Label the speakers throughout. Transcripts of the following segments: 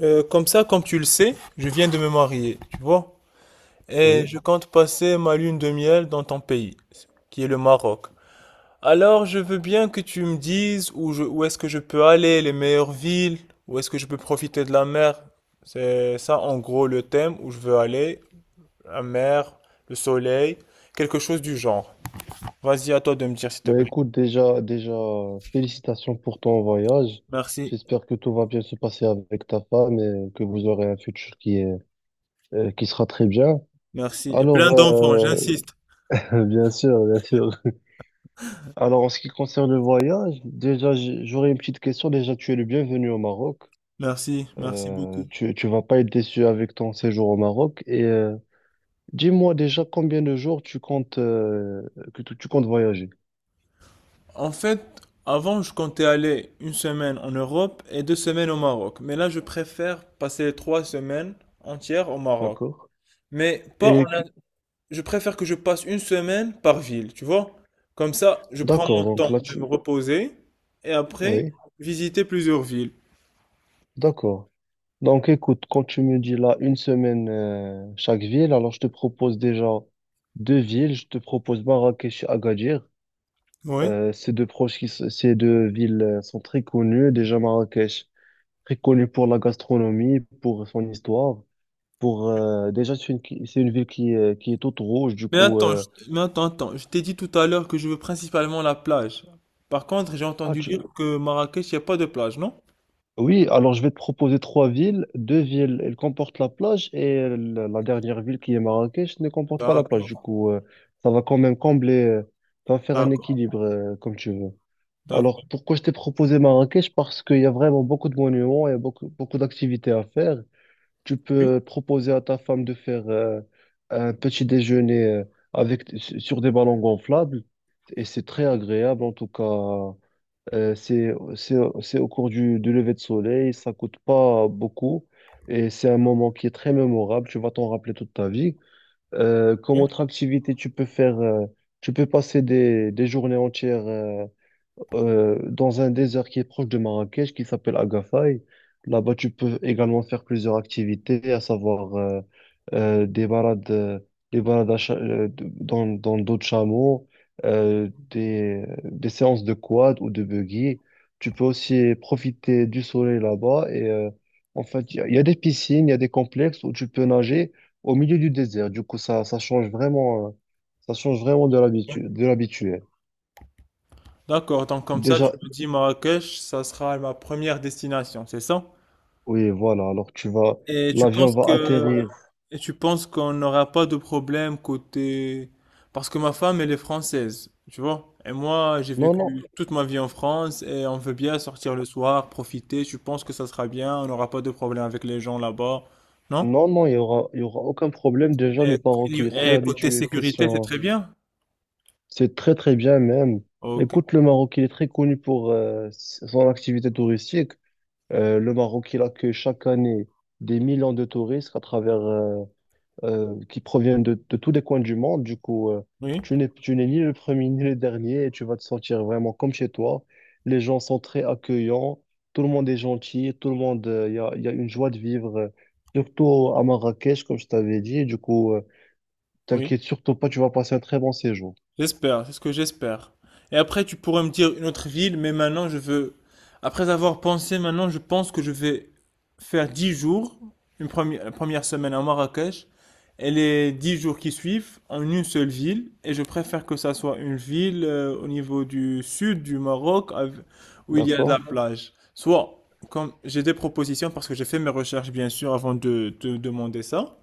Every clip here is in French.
Speaker 1: Comme ça, comme tu le sais, je viens de me marier, tu vois, et
Speaker 2: Oui,
Speaker 1: je compte passer ma lune de miel dans ton pays, qui est le Maroc. Alors, je veux bien que tu me dises où est-ce que je peux aller, les meilleures villes, où est-ce que je peux profiter de la mer. C'est ça, en gros, le thème où je veux aller, la mer, le soleil, quelque chose du genre. Vas-y, à toi de me dire, s'il te
Speaker 2: bah
Speaker 1: plaît.
Speaker 2: écoute, déjà, félicitations pour ton voyage.
Speaker 1: Merci,
Speaker 2: J'espère que tout va bien se passer avec ta femme et que vous aurez un futur qui qui sera très bien.
Speaker 1: merci. Et plein
Speaker 2: Alors,
Speaker 1: d'enfants,
Speaker 2: euh,
Speaker 1: j'insiste.
Speaker 2: bien sûr, bien sûr. Alors, en ce qui concerne le voyage, déjà, j'aurais une petite question. Déjà, tu es le bienvenu au Maroc.
Speaker 1: Merci, merci
Speaker 2: Euh,
Speaker 1: beaucoup.
Speaker 2: tu, tu vas pas être déçu avec ton séjour au Maroc. Et dis-moi déjà combien de jours tu comptes, que tu comptes voyager.
Speaker 1: En fait, avant, je comptais aller une semaine en Europe et 2 semaines au Maroc. Mais là, je préfère passer 3 semaines entières au Maroc.
Speaker 2: D'accord?
Speaker 1: Mais pas en
Speaker 2: Et, que-
Speaker 1: un- Je préfère que je passe une semaine par ville, tu vois? Comme ça, je prends mon
Speaker 2: d'accord, donc
Speaker 1: temps
Speaker 2: là,
Speaker 1: de me
Speaker 2: tu,
Speaker 1: reposer et après,
Speaker 2: oui.
Speaker 1: visiter plusieurs villes.
Speaker 2: D'accord. Donc écoute, quand tu me dis là une semaine chaque ville, alors je te propose déjà deux villes. Je te propose Marrakech et Agadir.
Speaker 1: Oui.
Speaker 2: Ces deux proches qui, s- Ces deux villes sont très connues. Déjà Marrakech, très connue pour la gastronomie, pour son histoire. Pour déjà c'est c'est une ville qui est toute rouge. Du
Speaker 1: Mais
Speaker 2: coup,
Speaker 1: attends, mais attends, attends. Je t'ai dit tout à l'heure que je veux principalement la plage. Par contre, j'ai entendu dire que Marrakech, il n'y a pas de plage, non?
Speaker 2: oui, alors je vais te proposer trois villes. Deux villes, elles comportent la plage et la dernière ville qui est Marrakech ne comporte pas la
Speaker 1: D'accord,
Speaker 2: plage. Du coup, ça va quand même combler, ça va faire un
Speaker 1: d'accord,
Speaker 2: équilibre comme tu veux. Alors,
Speaker 1: d'accord.
Speaker 2: pourquoi je t'ai proposé Marrakech? Parce qu'il y a vraiment beaucoup de monuments, il y a beaucoup, beaucoup d'activités à faire. Tu
Speaker 1: Oui.
Speaker 2: peux proposer à ta femme de faire un petit déjeuner avec, sur des ballons gonflables et c'est très agréable en tout cas. Euh, c'est, c'est, c'est au cours du lever de soleil, ça coûte pas beaucoup et c'est un moment qui est très mémorable, tu vas t'en rappeler toute ta vie. Comme autre activité, tu peux faire, tu peux passer des journées entières dans un désert qui est proche de Marrakech, qui s'appelle Agafay. Là-bas, tu peux également faire plusieurs activités, à savoir euh, des balades, euh, des balades à cha- de- dans, dans le dos de chameau, des séances de quad ou de buggy. Tu peux aussi profiter du soleil là-bas. En fait, il y a des piscines, il y a des complexes où tu peux nager au milieu du désert. Du coup, ça change vraiment de l'habitude, de l'habituel.
Speaker 1: D'accord, donc comme ça,
Speaker 2: Déjà,
Speaker 1: tu me dis Marrakech, ça sera ma première destination, c'est ça?
Speaker 2: oui, voilà. Alors, tu vas,
Speaker 1: Et tu
Speaker 2: l'avion
Speaker 1: penses
Speaker 2: va
Speaker 1: que
Speaker 2: atterrir.
Speaker 1: et tu penses qu'on n'aura pas de problème côté parce que ma femme elle est française, tu vois? Et moi, j'ai
Speaker 2: Non, non,
Speaker 1: vécu toute ma vie en France et on veut bien sortir le soir, profiter. Tu penses que ça sera bien, on n'aura pas de problème avec les gens là-bas, non?
Speaker 2: non, non, il y aura aucun problème. Déjà, le
Speaker 1: Et,
Speaker 2: Maroc, il est très
Speaker 1: et côté
Speaker 2: habitué.
Speaker 1: sécurité, c'est
Speaker 2: Question,
Speaker 1: très bien.
Speaker 2: c'est très, très bien même.
Speaker 1: Ok.
Speaker 2: Écoute, le Maroc, il est très connu pour son activité touristique. Le Maroc, il accueille chaque année des millions de touristes à travers, qui proviennent de tous les coins du monde. Du coup,
Speaker 1: Oui,
Speaker 2: tu n'es ni le premier ni le dernier et tu vas te sentir vraiment comme chez toi. Les gens sont très accueillants, tout le monde est gentil, tout le monde, il y a une joie de vivre, surtout à Marrakech, comme je t'avais dit. Du coup,
Speaker 1: oui.
Speaker 2: t'inquiète surtout pas, tu vas passer un très bon séjour.
Speaker 1: J'espère, c'est ce que j'espère. Et après, tu pourrais me dire une autre ville, mais maintenant, je veux… Après avoir pensé, maintenant, je pense que je vais faire 10 jours, la première semaine à Marrakech, et les 10 jours qui suivent en une seule ville. Et je préfère que ça soit une ville au niveau du sud du Maroc, où il y a de la
Speaker 2: D'accord?
Speaker 1: plage. Soit, comme j'ai des propositions, parce que j'ai fait mes recherches, bien sûr, avant de te demander ça.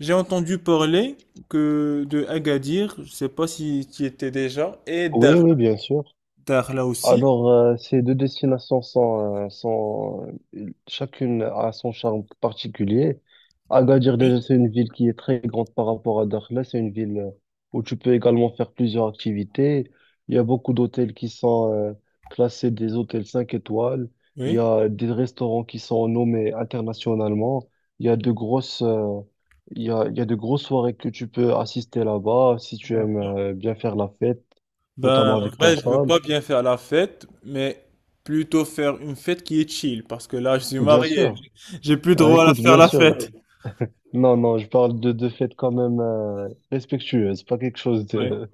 Speaker 1: J'ai entendu parler que de Agadir, je sais pas si tu y étais déjà, et Dar,
Speaker 2: Oui, oui, bien sûr.
Speaker 1: Dar là aussi.
Speaker 2: Alors, ces deux destinations sont, chacune a son charme particulier. Agadir,
Speaker 1: Oui,
Speaker 2: déjà, c'est une ville qui est très grande par rapport à Dakhla. C'est une ville où tu peux également faire plusieurs activités. Il y a beaucoup d'hôtels qui sont classés des hôtels 5 étoiles. Il y
Speaker 1: Oui.
Speaker 2: a des restaurants qui sont nommés internationalement. Il y a de grosses, euh, il y a de grosses soirées que tu peux assister là-bas si tu
Speaker 1: Dar.
Speaker 2: aimes bien faire la fête, notamment
Speaker 1: Ben, en
Speaker 2: avec ta
Speaker 1: vrai, je veux
Speaker 2: femme.
Speaker 1: pas bien faire la fête, mais plutôt faire une fête qui est chill, parce que là, je suis
Speaker 2: Bien
Speaker 1: marié,
Speaker 2: sûr.
Speaker 1: j'ai plus
Speaker 2: Ah,
Speaker 1: droit à
Speaker 2: écoute,
Speaker 1: faire
Speaker 2: bien
Speaker 1: la
Speaker 2: sûr.
Speaker 1: fête.
Speaker 2: Non, non, je parle de fêtes quand même respectueuses, pas quelque chose
Speaker 1: Oui.
Speaker 2: de,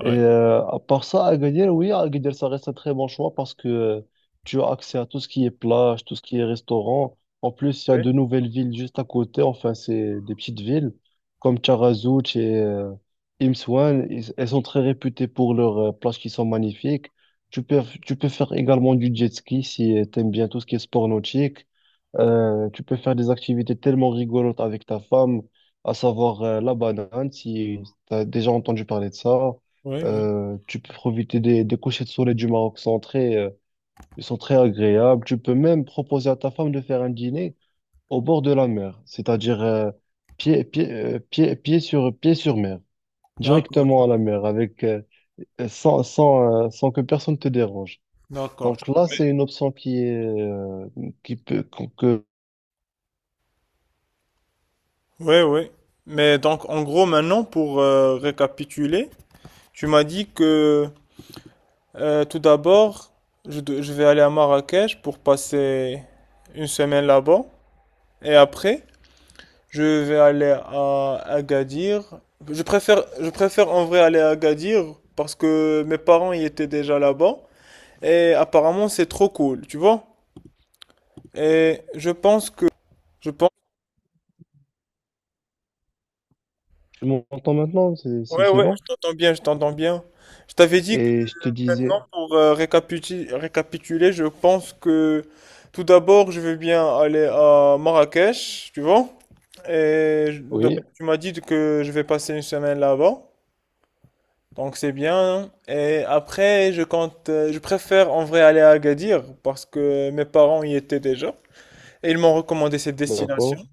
Speaker 2: à part ça, Agadir, oui, Agadir, ça reste un très bon choix parce que tu as accès à tout ce qui est plage, tout ce qui est restaurant. En plus, il y a
Speaker 1: Oui,
Speaker 2: de nouvelles villes juste à côté. Enfin, c'est des petites villes comme Taghazout et Imsouane. Elles sont très réputées pour leurs plages qui sont magnifiques. Tu peux faire également du jet ski si tu aimes bien tout ce qui est sport nautique. Tu peux faire des activités tellement rigolotes avec ta femme, à savoir la banane, si tu as déjà entendu parler de ça.
Speaker 1: oui, oui.
Speaker 2: Tu peux profiter des couchers de soleil du Maroc sont très, ils sont très agréables. Tu peux même proposer à ta femme de faire un dîner au bord de la mer, c'est-à-dire pied sur mer,
Speaker 1: d'accord,
Speaker 2: directement à la mer, avec, sans, sans, sans que personne te dérange.
Speaker 1: d'accord.
Speaker 2: Donc là,
Speaker 1: Je
Speaker 2: c'est une option qui est, qui peut, qu'on- que
Speaker 1: Oui, oui. Mais donc, en gros, maintenant, pour récapituler, tu m'as dit que tout d'abord, je vais aller à Marrakech pour passer une semaine là-bas. Et après, je vais aller à Agadir. Je préfère en vrai aller à Agadir parce que mes parents y étaient déjà là-bas. Et apparemment, c'est trop cool, tu vois? Et je pense que… Je pense…
Speaker 2: tu m'entends maintenant,
Speaker 1: Ouais,
Speaker 2: c'est
Speaker 1: ouais,
Speaker 2: bon.
Speaker 1: je t'entends bien, je t'entends bien. Je t'avais dit.
Speaker 2: Et je te
Speaker 1: Maintenant,
Speaker 2: disais,
Speaker 1: pour récapituler, je pense que tout d'abord, je vais bien aller à Marrakech, tu vois. Donc,
Speaker 2: oui,
Speaker 1: tu m'as dit que je vais passer une semaine là-bas, donc c'est bien. Et après, je préfère en vrai aller à Agadir parce que mes parents y étaient déjà et ils m'ont recommandé cette destination.
Speaker 2: d'accord,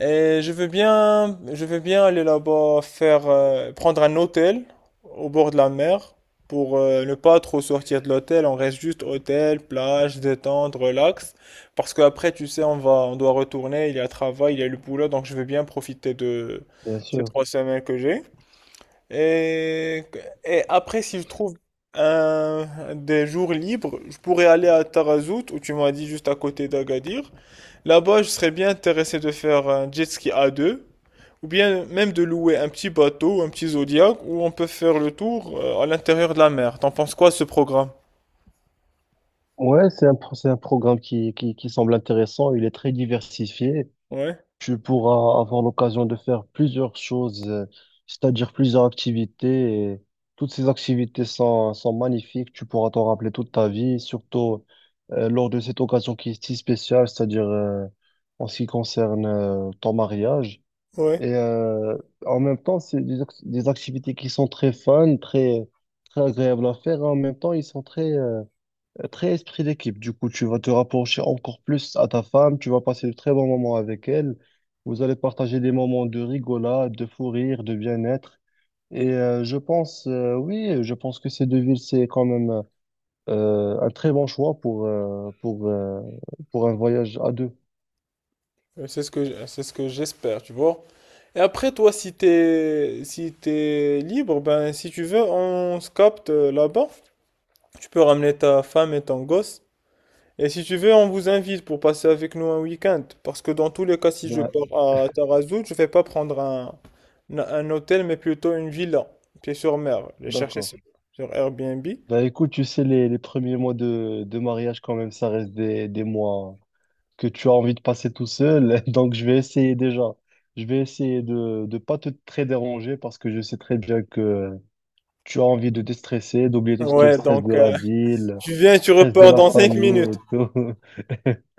Speaker 1: Et je veux bien aller là-bas, prendre un hôtel au bord de la mer pour ne pas trop sortir de l'hôtel. On reste juste hôtel, plage, détente, relax. Parce qu'après, tu sais, on doit retourner. Il y a travail, il y a le boulot, donc je veux bien profiter de
Speaker 2: bien
Speaker 1: ces
Speaker 2: sûr.
Speaker 1: 3 semaines que j'ai. Et, et après, si je trouve un, des jours libres, je pourrais aller à Tarazout, où tu m'as dit juste à côté d'Agadir. Là-bas, je serais bien intéressé de faire un jet ski à deux, ou bien même de louer un petit bateau, un petit Zodiac, où on peut faire le tour à l'intérieur de la mer. T'en penses quoi de ce programme?
Speaker 2: Ouais, c'est c'est un programme qui semble intéressant. Il est très diversifié.
Speaker 1: Ouais,
Speaker 2: Tu pourras avoir l'occasion de faire plusieurs choses, c'est-à-dire plusieurs activités. Et toutes ces sont magnifiques. Tu pourras t'en rappeler toute ta vie, surtout lors de cette occasion qui est si spéciale, c'est-à-dire en ce qui concerne ton mariage.
Speaker 1: ouais.
Speaker 2: Et euh, En même temps, c'est des activités qui sont très fun, très agréables à faire. Et en même temps, ils sont très... très esprit d'équipe, du coup, tu vas te rapprocher encore plus à ta femme, tu vas passer de très bons moments avec elle, vous allez partager des moments de rigolade, de fou rire, de bien-être. Et oui, je pense que ces deux villes, c'est quand même un très bon choix pour un voyage à deux.
Speaker 1: C'est ce que j'espère, tu vois. Et après, toi, si t'es libre, ben si tu veux, on se capte là-bas. Tu peux ramener ta femme et ton gosse. Et si tu veux, on vous invite pour passer avec nous un week-end. Parce que dans tous les cas, si je
Speaker 2: Ben,
Speaker 1: pars à Tarazout, je vais pas prendre un hôtel, mais plutôt une villa, pied sur mer. J'ai chercher
Speaker 2: d'accord.
Speaker 1: sur Airbnb.
Speaker 2: Ben, écoute, tu sais, les premiers mois de mariage, quand même, ça reste des mois que tu as envie de passer tout seul. Donc, je vais essayer déjà. Je vais essayer de ne pas te très déranger parce que je sais très bien que tu as envie de te stresser, d'oublier tout ce qui est
Speaker 1: Ouais,
Speaker 2: stress
Speaker 1: donc
Speaker 2: de la ville,
Speaker 1: tu viens et tu
Speaker 2: stress de
Speaker 1: repars
Speaker 2: la
Speaker 1: dans 5
Speaker 2: famille
Speaker 1: minutes.
Speaker 2: et tout.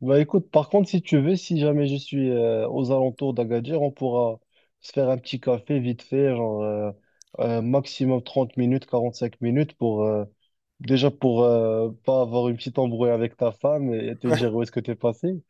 Speaker 2: Bah écoute, par contre, si tu veux, si jamais je suis aux alentours d'Agadir, on pourra se faire un petit café vite fait, genre maximum 30 minutes, 45 minutes pour déjà pour pas avoir une petite embrouille avec ta femme et te dire où est-ce que t'es passé.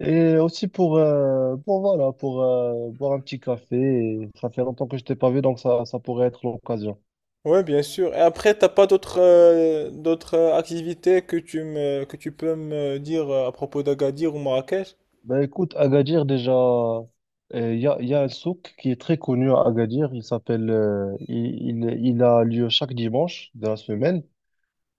Speaker 2: Et aussi pour voilà, pour boire un petit café. Et ça fait longtemps que je t'ai pas vu, donc ça pourrait être l'occasion.
Speaker 1: Ouais, bien sûr. Et après, t'as pas d'autres activités que tu peux me dire à propos d'Agadir ou Marrakech?
Speaker 2: Ben écoute, Agadir, déjà, il y a un souk qui est très connu à Agadir. Il s'appelle, Il a lieu chaque dimanche de la semaine.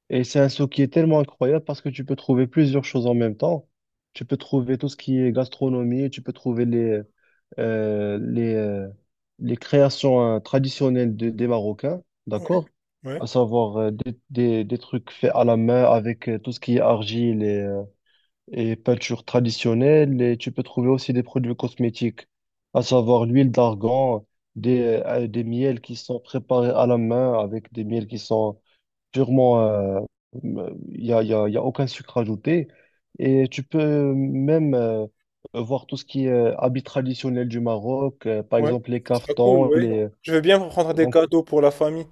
Speaker 2: Et c'est un souk qui est tellement incroyable parce que tu peux trouver plusieurs choses en même temps. Tu peux trouver tout ce qui est gastronomie, tu peux trouver euh, les, euh, les créations hein, traditionnelles des Marocains,
Speaker 1: Ouais,
Speaker 2: d'accord?
Speaker 1: ouais,
Speaker 2: À savoir des trucs faits à la main avec tout ce qui est argile et peinture traditionnelle. Et tu peux trouver aussi des produits cosmétiques, à savoir l'huile d'argan, des miels qui sont préparés à la main avec des miels qui sont purement... Il n'y a, il y a, il y a aucun sucre ajouté. Et tu peux même voir tout ce qui est habits traditionnels du Maroc, par
Speaker 1: ouais.
Speaker 2: exemple les
Speaker 1: Ce sera cool,
Speaker 2: caftans,
Speaker 1: ouais.
Speaker 2: les...
Speaker 1: Je veux bien prendre des
Speaker 2: donc
Speaker 1: cadeaux pour la famille.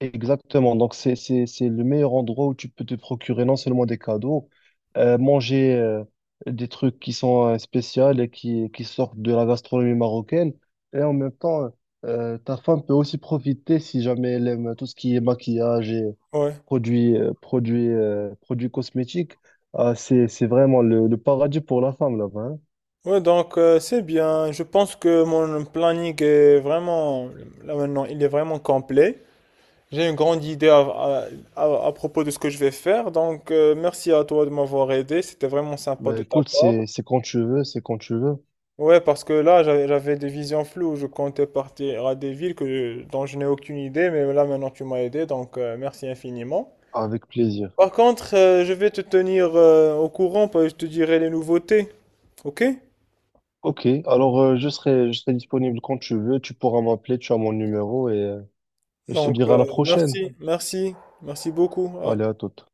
Speaker 2: exactement. Donc, c'est le meilleur endroit où tu peux te procurer non seulement des cadeaux, manger des trucs qui sont spéciaux et qui sortent de la gastronomie marocaine. Et en même temps, ta femme peut aussi profiter si jamais elle aime tout ce qui est maquillage et
Speaker 1: Ouais.
Speaker 2: produits cosmétiques. Ah, c'est vraiment le paradis pour la femme là-bas, hein.
Speaker 1: Ouais, donc c'est bien. Je pense que mon planning est vraiment, là maintenant, il est vraiment complet. J'ai une grande idée à propos de ce que je vais faire. Donc, merci à toi de m'avoir aidé. C'était vraiment sympa
Speaker 2: Bah,
Speaker 1: de ta
Speaker 2: écoute,
Speaker 1: part.
Speaker 2: c'est quand tu veux, c'est quand tu veux,
Speaker 1: Ouais, parce que là, j'avais des visions floues. Je comptais partir à des villes dont je n'ai aucune idée, mais là, maintenant, tu m'as aidé. Donc, merci infiniment.
Speaker 2: avec plaisir.
Speaker 1: Par contre, je vais te tenir au courant, parce que je te dirai les nouveautés. OK?
Speaker 2: Ok, alors je serai disponible quand tu veux, tu pourras m'appeler, tu as mon numéro et et je te
Speaker 1: Donc,
Speaker 2: dirai à la prochaine.
Speaker 1: merci, merci, merci beaucoup.
Speaker 2: Allez, à toute.